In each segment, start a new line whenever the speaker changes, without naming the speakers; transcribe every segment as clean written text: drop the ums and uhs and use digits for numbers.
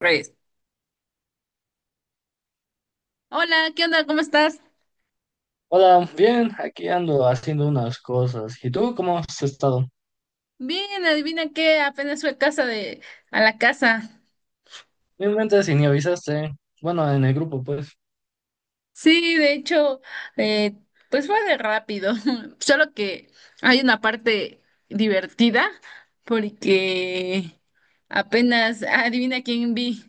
Reyes. Hola, ¿qué onda? ¿Cómo estás?
Hola, bien, aquí ando haciendo unas cosas. ¿Y tú cómo has estado?
Bien, adivina qué, apenas fue a la casa.
Ni me mentes y ni avisaste. Bueno, en el grupo, pues.
Sí, de hecho, eh, pues fue de rápido, solo que hay una parte divertida porque apenas, adivina quién vi.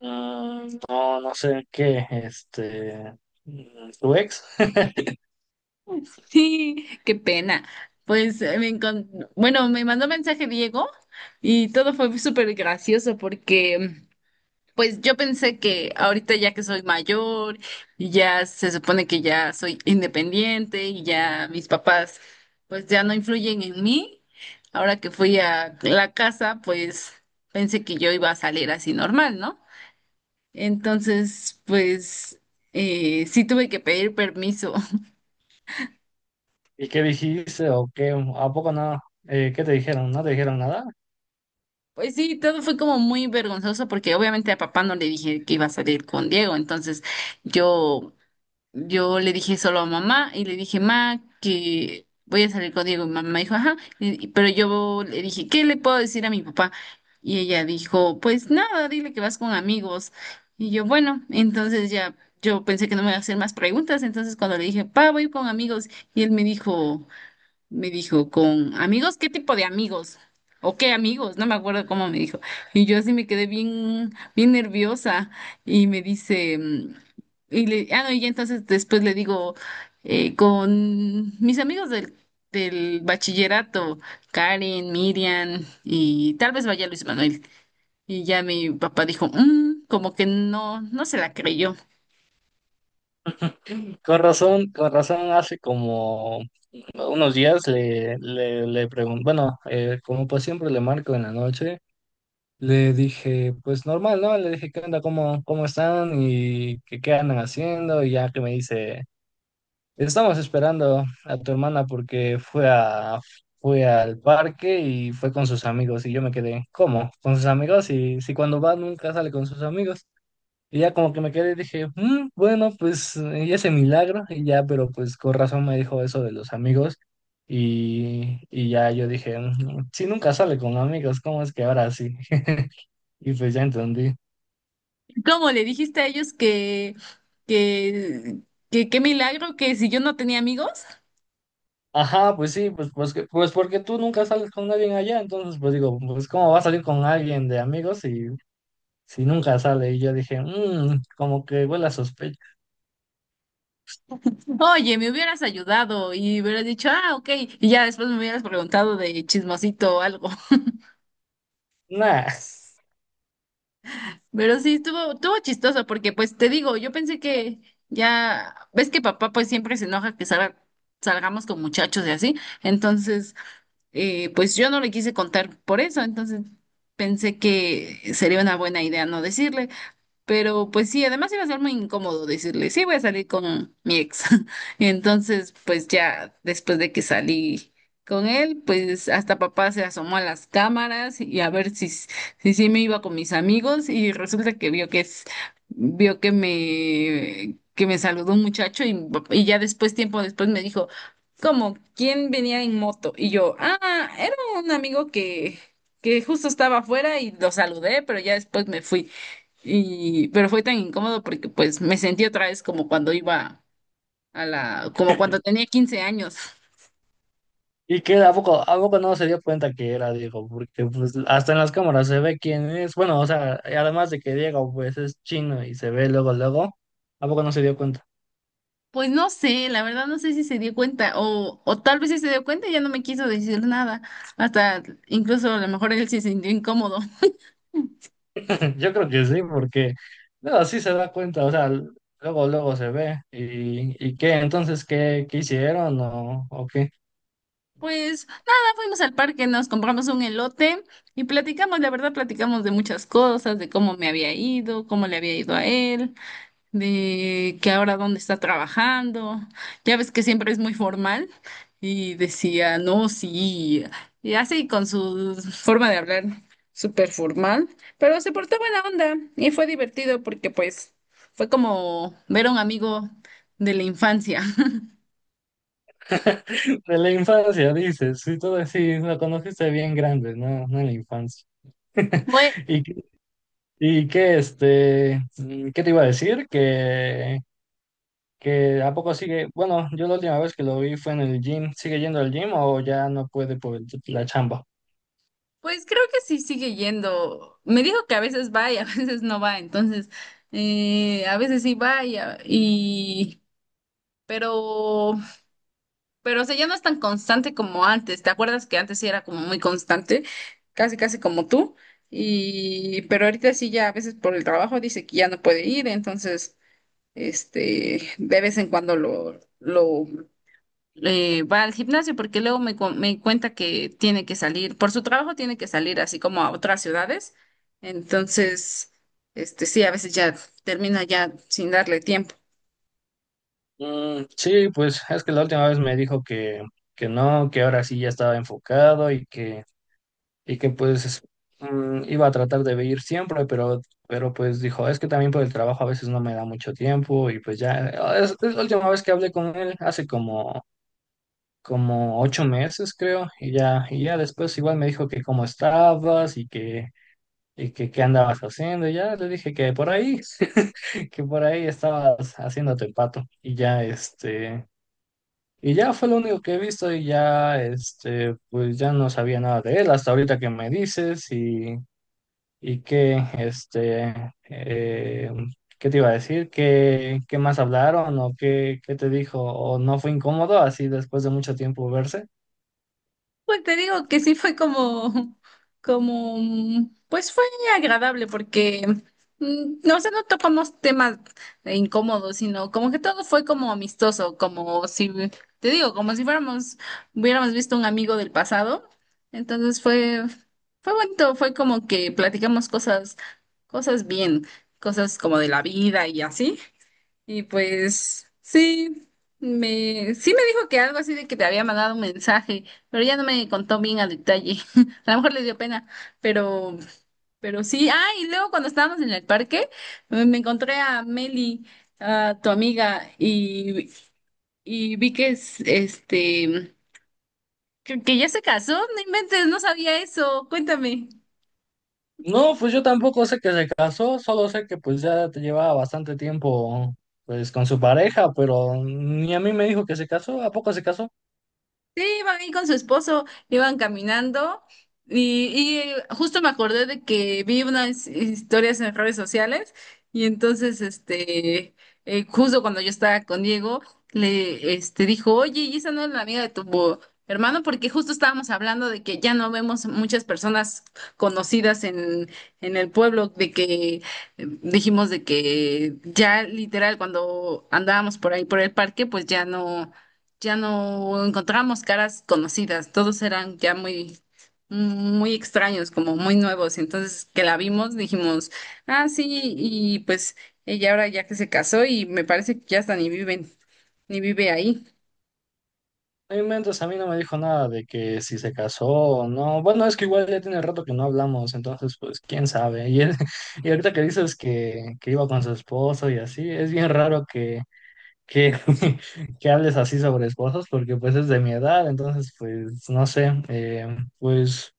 Mm, no, no sé qué, tu ex.
Sí, qué pena. Pues me mandó mensaje Diego y todo fue súper gracioso porque pues yo pensé que ahorita ya que soy mayor y ya se supone que ya soy independiente y ya mis papás pues ya no influyen en mí. Ahora que fui a la casa, pues pensé que yo iba a salir así normal, ¿no? Entonces, pues sí tuve que pedir permiso.
¿Y qué dijiste o qué? ¿A poco no? ¿Qué te dijeron? ¿No te dijeron nada?
Pues sí, todo fue como muy vergonzoso porque obviamente a papá no le dije que iba a salir con Diego, entonces yo Yo le dije solo a mamá y le dije, ma, que voy a salir con Diego. Y mamá dijo, ajá. Pero yo le dije, ¿qué le puedo decir a mi papá? Y ella dijo, pues nada, dile que vas con amigos. Y yo, bueno, entonces ya yo pensé que no me iba a hacer más preguntas. Entonces cuando le dije, pa, voy con amigos, y él me dijo, ¿con amigos? ¿Qué tipo de amigos? ¿O qué amigos? No me acuerdo cómo me dijo. Y yo así me quedé bien nerviosa. Y me dice, ah, no, y ya entonces después le digo, con mis amigos del bachillerato, Karen, Miriam y tal vez vaya Luis Manuel. Y ya mi papá dijo, "Mm", como que no se la creyó.
Con razón, hace como unos días le pregunté, bueno, como pues siempre le marco en la noche. Le dije, pues normal, ¿no? Le dije, ¿qué onda? ¿Cómo están? ¿Qué andan haciendo? Y ya que me dice, estamos esperando a tu hermana porque fue al parque y fue con sus amigos. Y yo me quedé, ¿cómo? ¿Con sus amigos? Y si cuando va nunca sale con sus amigos. Y ya como que me quedé y dije, "Mm, bueno, pues y ese milagro". Y ya, pero pues con razón me dijo eso de los amigos. Y ya yo dije, "Mm, si nunca sale con amigos, ¿cómo es que ahora sí?" Y pues ya entendí.
¿Cómo le dijiste a ellos que, que qué milagro que si yo no tenía amigos?
Ajá, pues sí, pues porque tú nunca sales con alguien allá, entonces pues digo, pues cómo va a salir con alguien de amigos si, si nunca sale. Y yo dije, como que huele a sospecha.
Oye, me hubieras ayudado y hubieras dicho, ah, ok, y ya después me hubieras preguntado de chismosito o algo.
Nah.
Pero sí, estuvo chistoso porque, pues, te digo, yo pensé que ya, ves que papá pues siempre se enoja que salgamos con muchachos y así. Entonces, pues yo no le quise contar por eso, entonces pensé que sería una buena idea no decirle. Pero pues sí, además iba a ser muy incómodo decirle, sí, voy a salir con mi ex. Entonces, pues ya después de que salí con él, pues hasta papá se asomó a las cámaras y a ver si sí me iba con mis amigos y resulta que vio que me saludó un muchacho y ya después, tiempo después me dijo, ¿cómo? ¿Quién venía en moto? Y yo, ah, era un amigo que justo estaba afuera y lo saludé, pero ya después me fui. Pero fue tan incómodo porque pues me sentí otra vez como cuando iba como cuando tenía 15 años.
Y que a poco no se dio cuenta que era Diego, porque pues hasta en las cámaras se ve quién es. Bueno, o sea, además de que Diego pues es chino y se ve luego, luego, ¿a poco no se dio cuenta?
Pues no sé, la verdad no sé si se dio cuenta o tal vez sí se dio cuenta y ya no me quiso decir nada. Hasta incluso a lo mejor él se sintió incómodo.
Yo creo que sí, porque no, sí se da cuenta, o sea, luego, luego se ve. Y qué? Entonces, ¿qué hicieron o qué?
Pues nada, fuimos al parque, nos compramos un elote y platicamos, la verdad platicamos de muchas cosas, de cómo me había ido, cómo le había ido a él, de que ahora dónde está trabajando. Ya ves que siempre es muy formal y decía, no, sí, y así con su forma de hablar súper formal, pero se portó buena onda y fue divertido porque pues fue como ver a un amigo de la infancia.
De la infancia, dices, sí, todo así, lo conociste bien grande, ¿no? No en la infancia.
Pues,
¿Y, qué- Qué te iba a decir? Que ¿a poco sigue? Bueno, yo la última vez que lo vi fue en el gym. ¿Sigue yendo al gym o ya no puede por la chamba?
pues, creo que sí sigue yendo. Me dijo que a veces va y a veces no va, entonces a veces sí va, y, pero Pero, o sea, ya no es tan constante como antes. ¿Te acuerdas que antes sí era como muy constante? Casi, casi como tú. Pero ahorita sí ya a veces por el trabajo dice que ya no puede ir, entonces, de vez en cuando va al gimnasio porque luego me cuenta que tiene que salir, por su trabajo tiene que salir así como a otras ciudades. Entonces, sí, a veces ya termina ya sin darle tiempo.
Mm, sí, pues es que la última vez me dijo que no, que ahora sí ya estaba enfocado y que pues iba a tratar de ir siempre, pero pues dijo, es que también por el trabajo a veces no me da mucho tiempo y pues ya, ah, es la última vez que hablé con él, hace como, como ocho meses creo, y ya después igual me dijo que cómo estabas y que qué andabas haciendo, y ya le dije que por ahí, que por ahí estabas haciéndote pato y ya este... Y ya fue lo único que he visto y ya, este, pues ya no sabía nada de él hasta ahorita que me dices y ¿qué te iba a decir? ¿Qué, qué más hablaron o qué, qué te dijo? ¿O no fue incómodo así después de mucho tiempo verse?
Pues te digo que sí fue como, como, pues fue agradable porque, no, o sea, no tocamos temas incómodos, sino como que todo fue como amistoso, como si, te digo, como si fuéramos, hubiéramos visto un amigo del pasado. Entonces fue, bonito, fue como que platicamos cosas, cosas bien, cosas como de la vida y así. Y pues sí, sí me dijo que algo así de que te había mandado un mensaje, pero ya no me contó bien a detalle. A lo mejor le dio pena, pero, pero sí. Ah, y luego cuando estábamos en el parque, me encontré a Meli, a tu amiga, y vi que es, este, que ya se casó, no inventes, no sabía eso, cuéntame.
No, pues yo tampoco sé que se casó, solo sé que pues ya te llevaba bastante tiempo pues con su pareja, pero ni a mí me dijo que se casó, ¿a poco se casó?
Sí, iban ahí con su esposo, iban caminando y justo me acordé de que vi unas historias en redes sociales y entonces, justo cuando yo estaba con Diego, dijo, oye, ¿y esa no es la amiga de tu hermano? Porque justo estábamos hablando de que ya no vemos muchas personas conocidas en el pueblo, de que dijimos de que ya literal cuando andábamos por ahí por el parque, pues ya no encontrábamos caras conocidas, todos eran ya muy, muy extraños, como muy nuevos. Entonces, que la vimos, dijimos, ah, sí, y pues ella ahora ya que se casó y me parece que ya hasta ni viven, ni vive ahí.
No inventes, a mí no me dijo nada de que si se casó o no. Bueno, es que igual ya tiene rato que no hablamos, entonces pues quién sabe. Y, él- y ahorita que dices que iba con su esposo y así, es bien raro que, que hables así sobre esposos porque pues es de mi edad, entonces pues no sé, pues...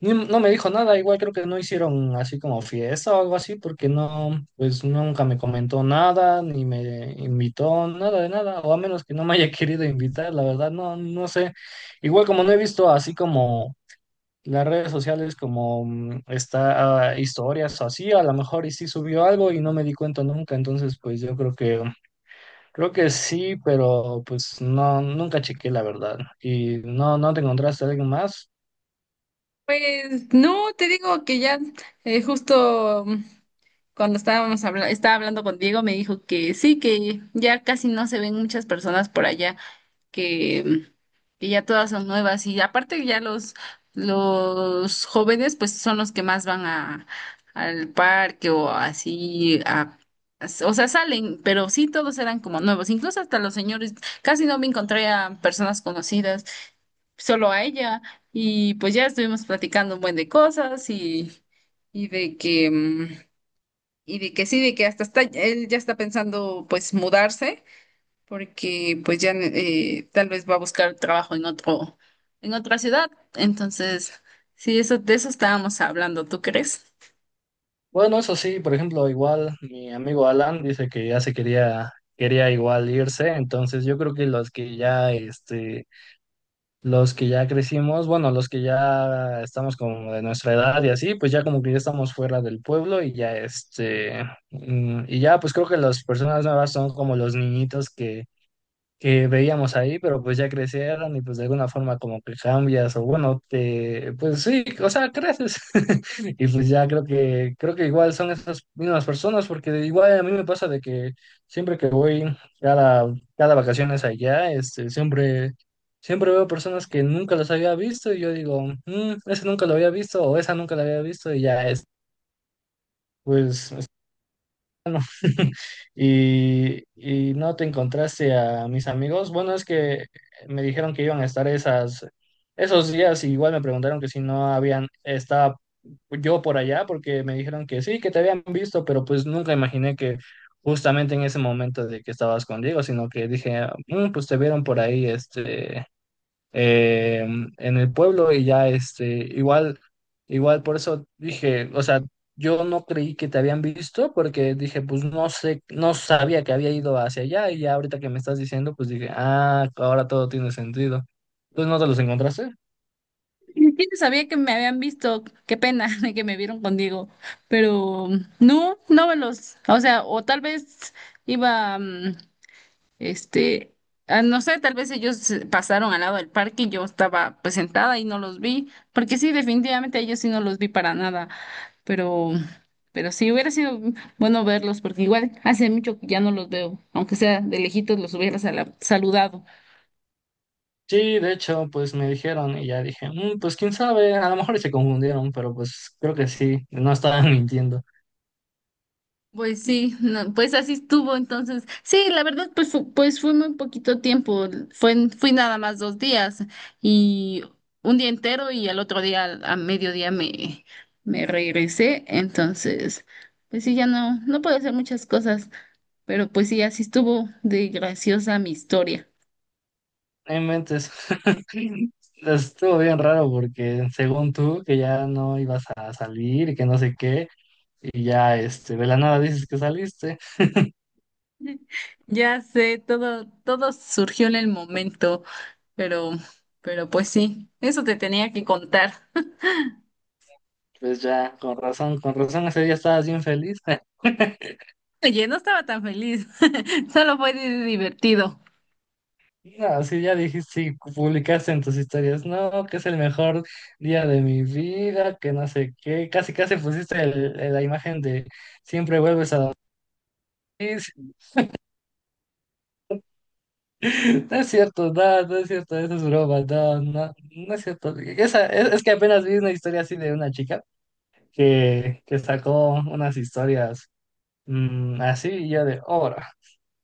Ni- No me dijo nada, igual creo que no hicieron así como fiesta o algo así, porque no, pues nunca me comentó nada, ni me invitó, nada de nada, o a menos que no me haya querido invitar, la verdad, no, no sé. Igual como no he visto así como las redes sociales, como está ah, historias o así, a lo mejor y sí subió algo y no me di cuenta nunca, entonces pues yo creo que sí, pero pues no, nunca chequé la verdad. ¿Y no, no te encontraste a alguien más?
Pues no, te digo que ya justo cuando estábamos estaba hablando con Diego me dijo que sí, que ya casi no se ven muchas personas por allá, que ya todas son nuevas y aparte ya los jóvenes pues son los que más van a al parque o así a o sea, salen, pero sí todos eran como nuevos, incluso hasta los señores, casi no me encontré a personas conocidas, solo a ella y pues ya estuvimos platicando un buen de cosas y de que y de que sí, de que hasta está él ya está pensando pues mudarse porque pues ya tal vez va a buscar trabajo en otra ciudad. Entonces, sí, de eso estábamos hablando, ¿tú crees?
Bueno, eso sí, por ejemplo, igual mi amigo Alan dice que ya se quería, quería igual irse, entonces yo creo que los que ya, este, los que ya crecimos, bueno, los que ya estamos como de nuestra edad y así, pues ya como que ya estamos fuera del pueblo y ya, este, y ya, pues creo que las personas nuevas son como los niñitos que veíamos ahí, pero pues ya crecieron y pues de alguna forma como que cambias o bueno, te, pues sí, o sea, creces. Y pues ya creo que igual son esas mismas personas, porque igual a mí me pasa de que siempre que voy cada, cada vacaciones allá, este, siempre, siempre veo personas que nunca las había visto y yo digo, "Mm, ese nunca lo había visto o esa nunca la había visto" y ya es. Pues y no te encontraste a mis amigos. Bueno, es que me dijeron que iban a estar esas, esos días, y igual me preguntaron que si no habían, estaba yo por allá, porque me dijeron que sí, que te habían visto, pero pues nunca imaginé que justamente en ese momento de que estabas con Diego, sino que dije, "Ah, Mm, pues te vieron por ahí, eh, en el pueblo" y ya este, igual, igual por eso dije, o sea, yo no creí que te habían visto porque dije, pues no sé, no sabía que había ido hacia allá y ya ahorita que me estás diciendo, pues dije, ah, ahora todo tiene sentido. Pues no te los encontraste.
Ni siquiera sabía que me habían visto, qué pena de que me vieron contigo, pero no, no me los, o sea, o tal vez iba, Este, ah, no sé, tal vez ellos se pasaron al lado del parque y yo estaba pues sentada y no los vi, porque sí, definitivamente a ellos sí no los vi para nada, pero, pero sí hubiera sido bueno verlos, porque igual hace mucho que ya no los veo, aunque sea de lejitos los hubiera saludado.
Sí, de hecho, pues me dijeron y ya dije, "Mm, pues quién sabe, a lo mejor y se confundieron, pero pues creo que sí, no estaban mintiendo".
Pues sí, no, pues así estuvo entonces. Sí, la verdad, pues, pues fue muy poquito tiempo, fui nada más 2 días y un día entero y al otro día a mediodía me regresé, entonces, pues sí, ya no puedo hacer muchas cosas, pero pues sí, así estuvo de graciosa mi historia.
No inventes. Estuvo bien raro porque según tú que ya no ibas a salir y que no sé qué, y ya este, de la nada dices que saliste,
Ya sé, todo surgió en el momento, pero, pero, pues sí, eso te tenía que contar.
pues ya, con razón ese día estabas bien feliz.
Oye, no estaba tan feliz, solo fue divertido.
No, sí, ya dijiste, sí, publicaste en tus historias, no, que es el mejor día de mi vida, que no sé qué, casi casi pusiste la imagen de siempre vuelves a dormir. No es cierto, no, no es cierto, eso es broma, no, no, no es cierto. Esa, es que apenas vi una historia así de una chica que sacó unas historias así y yo de obra.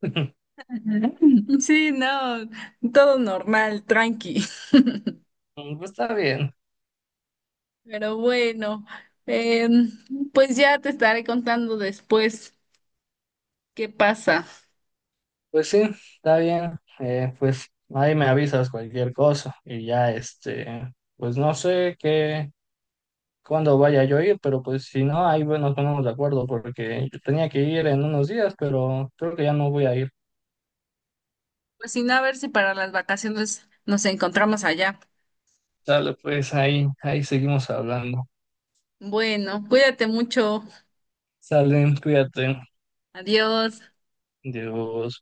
Ujú. Sí, no, todo normal, tranqui.
Pues está bien,
Pero bueno, em, pues ya te estaré contando después qué pasa.
pues sí, está bien, pues ahí me avisas cualquier cosa y ya este, pues no sé qué, cuándo vaya yo a ir, pero pues si no, ahí bueno, nos ponemos de acuerdo porque yo tenía que ir en unos días, pero creo que ya no voy a ir.
Pues si no, a ver si para las vacaciones nos encontramos allá.
Sale, pues ahí, ahí seguimos hablando.
Bueno, cuídate mucho.
Salen, cuídate.
Adiós.
Dios.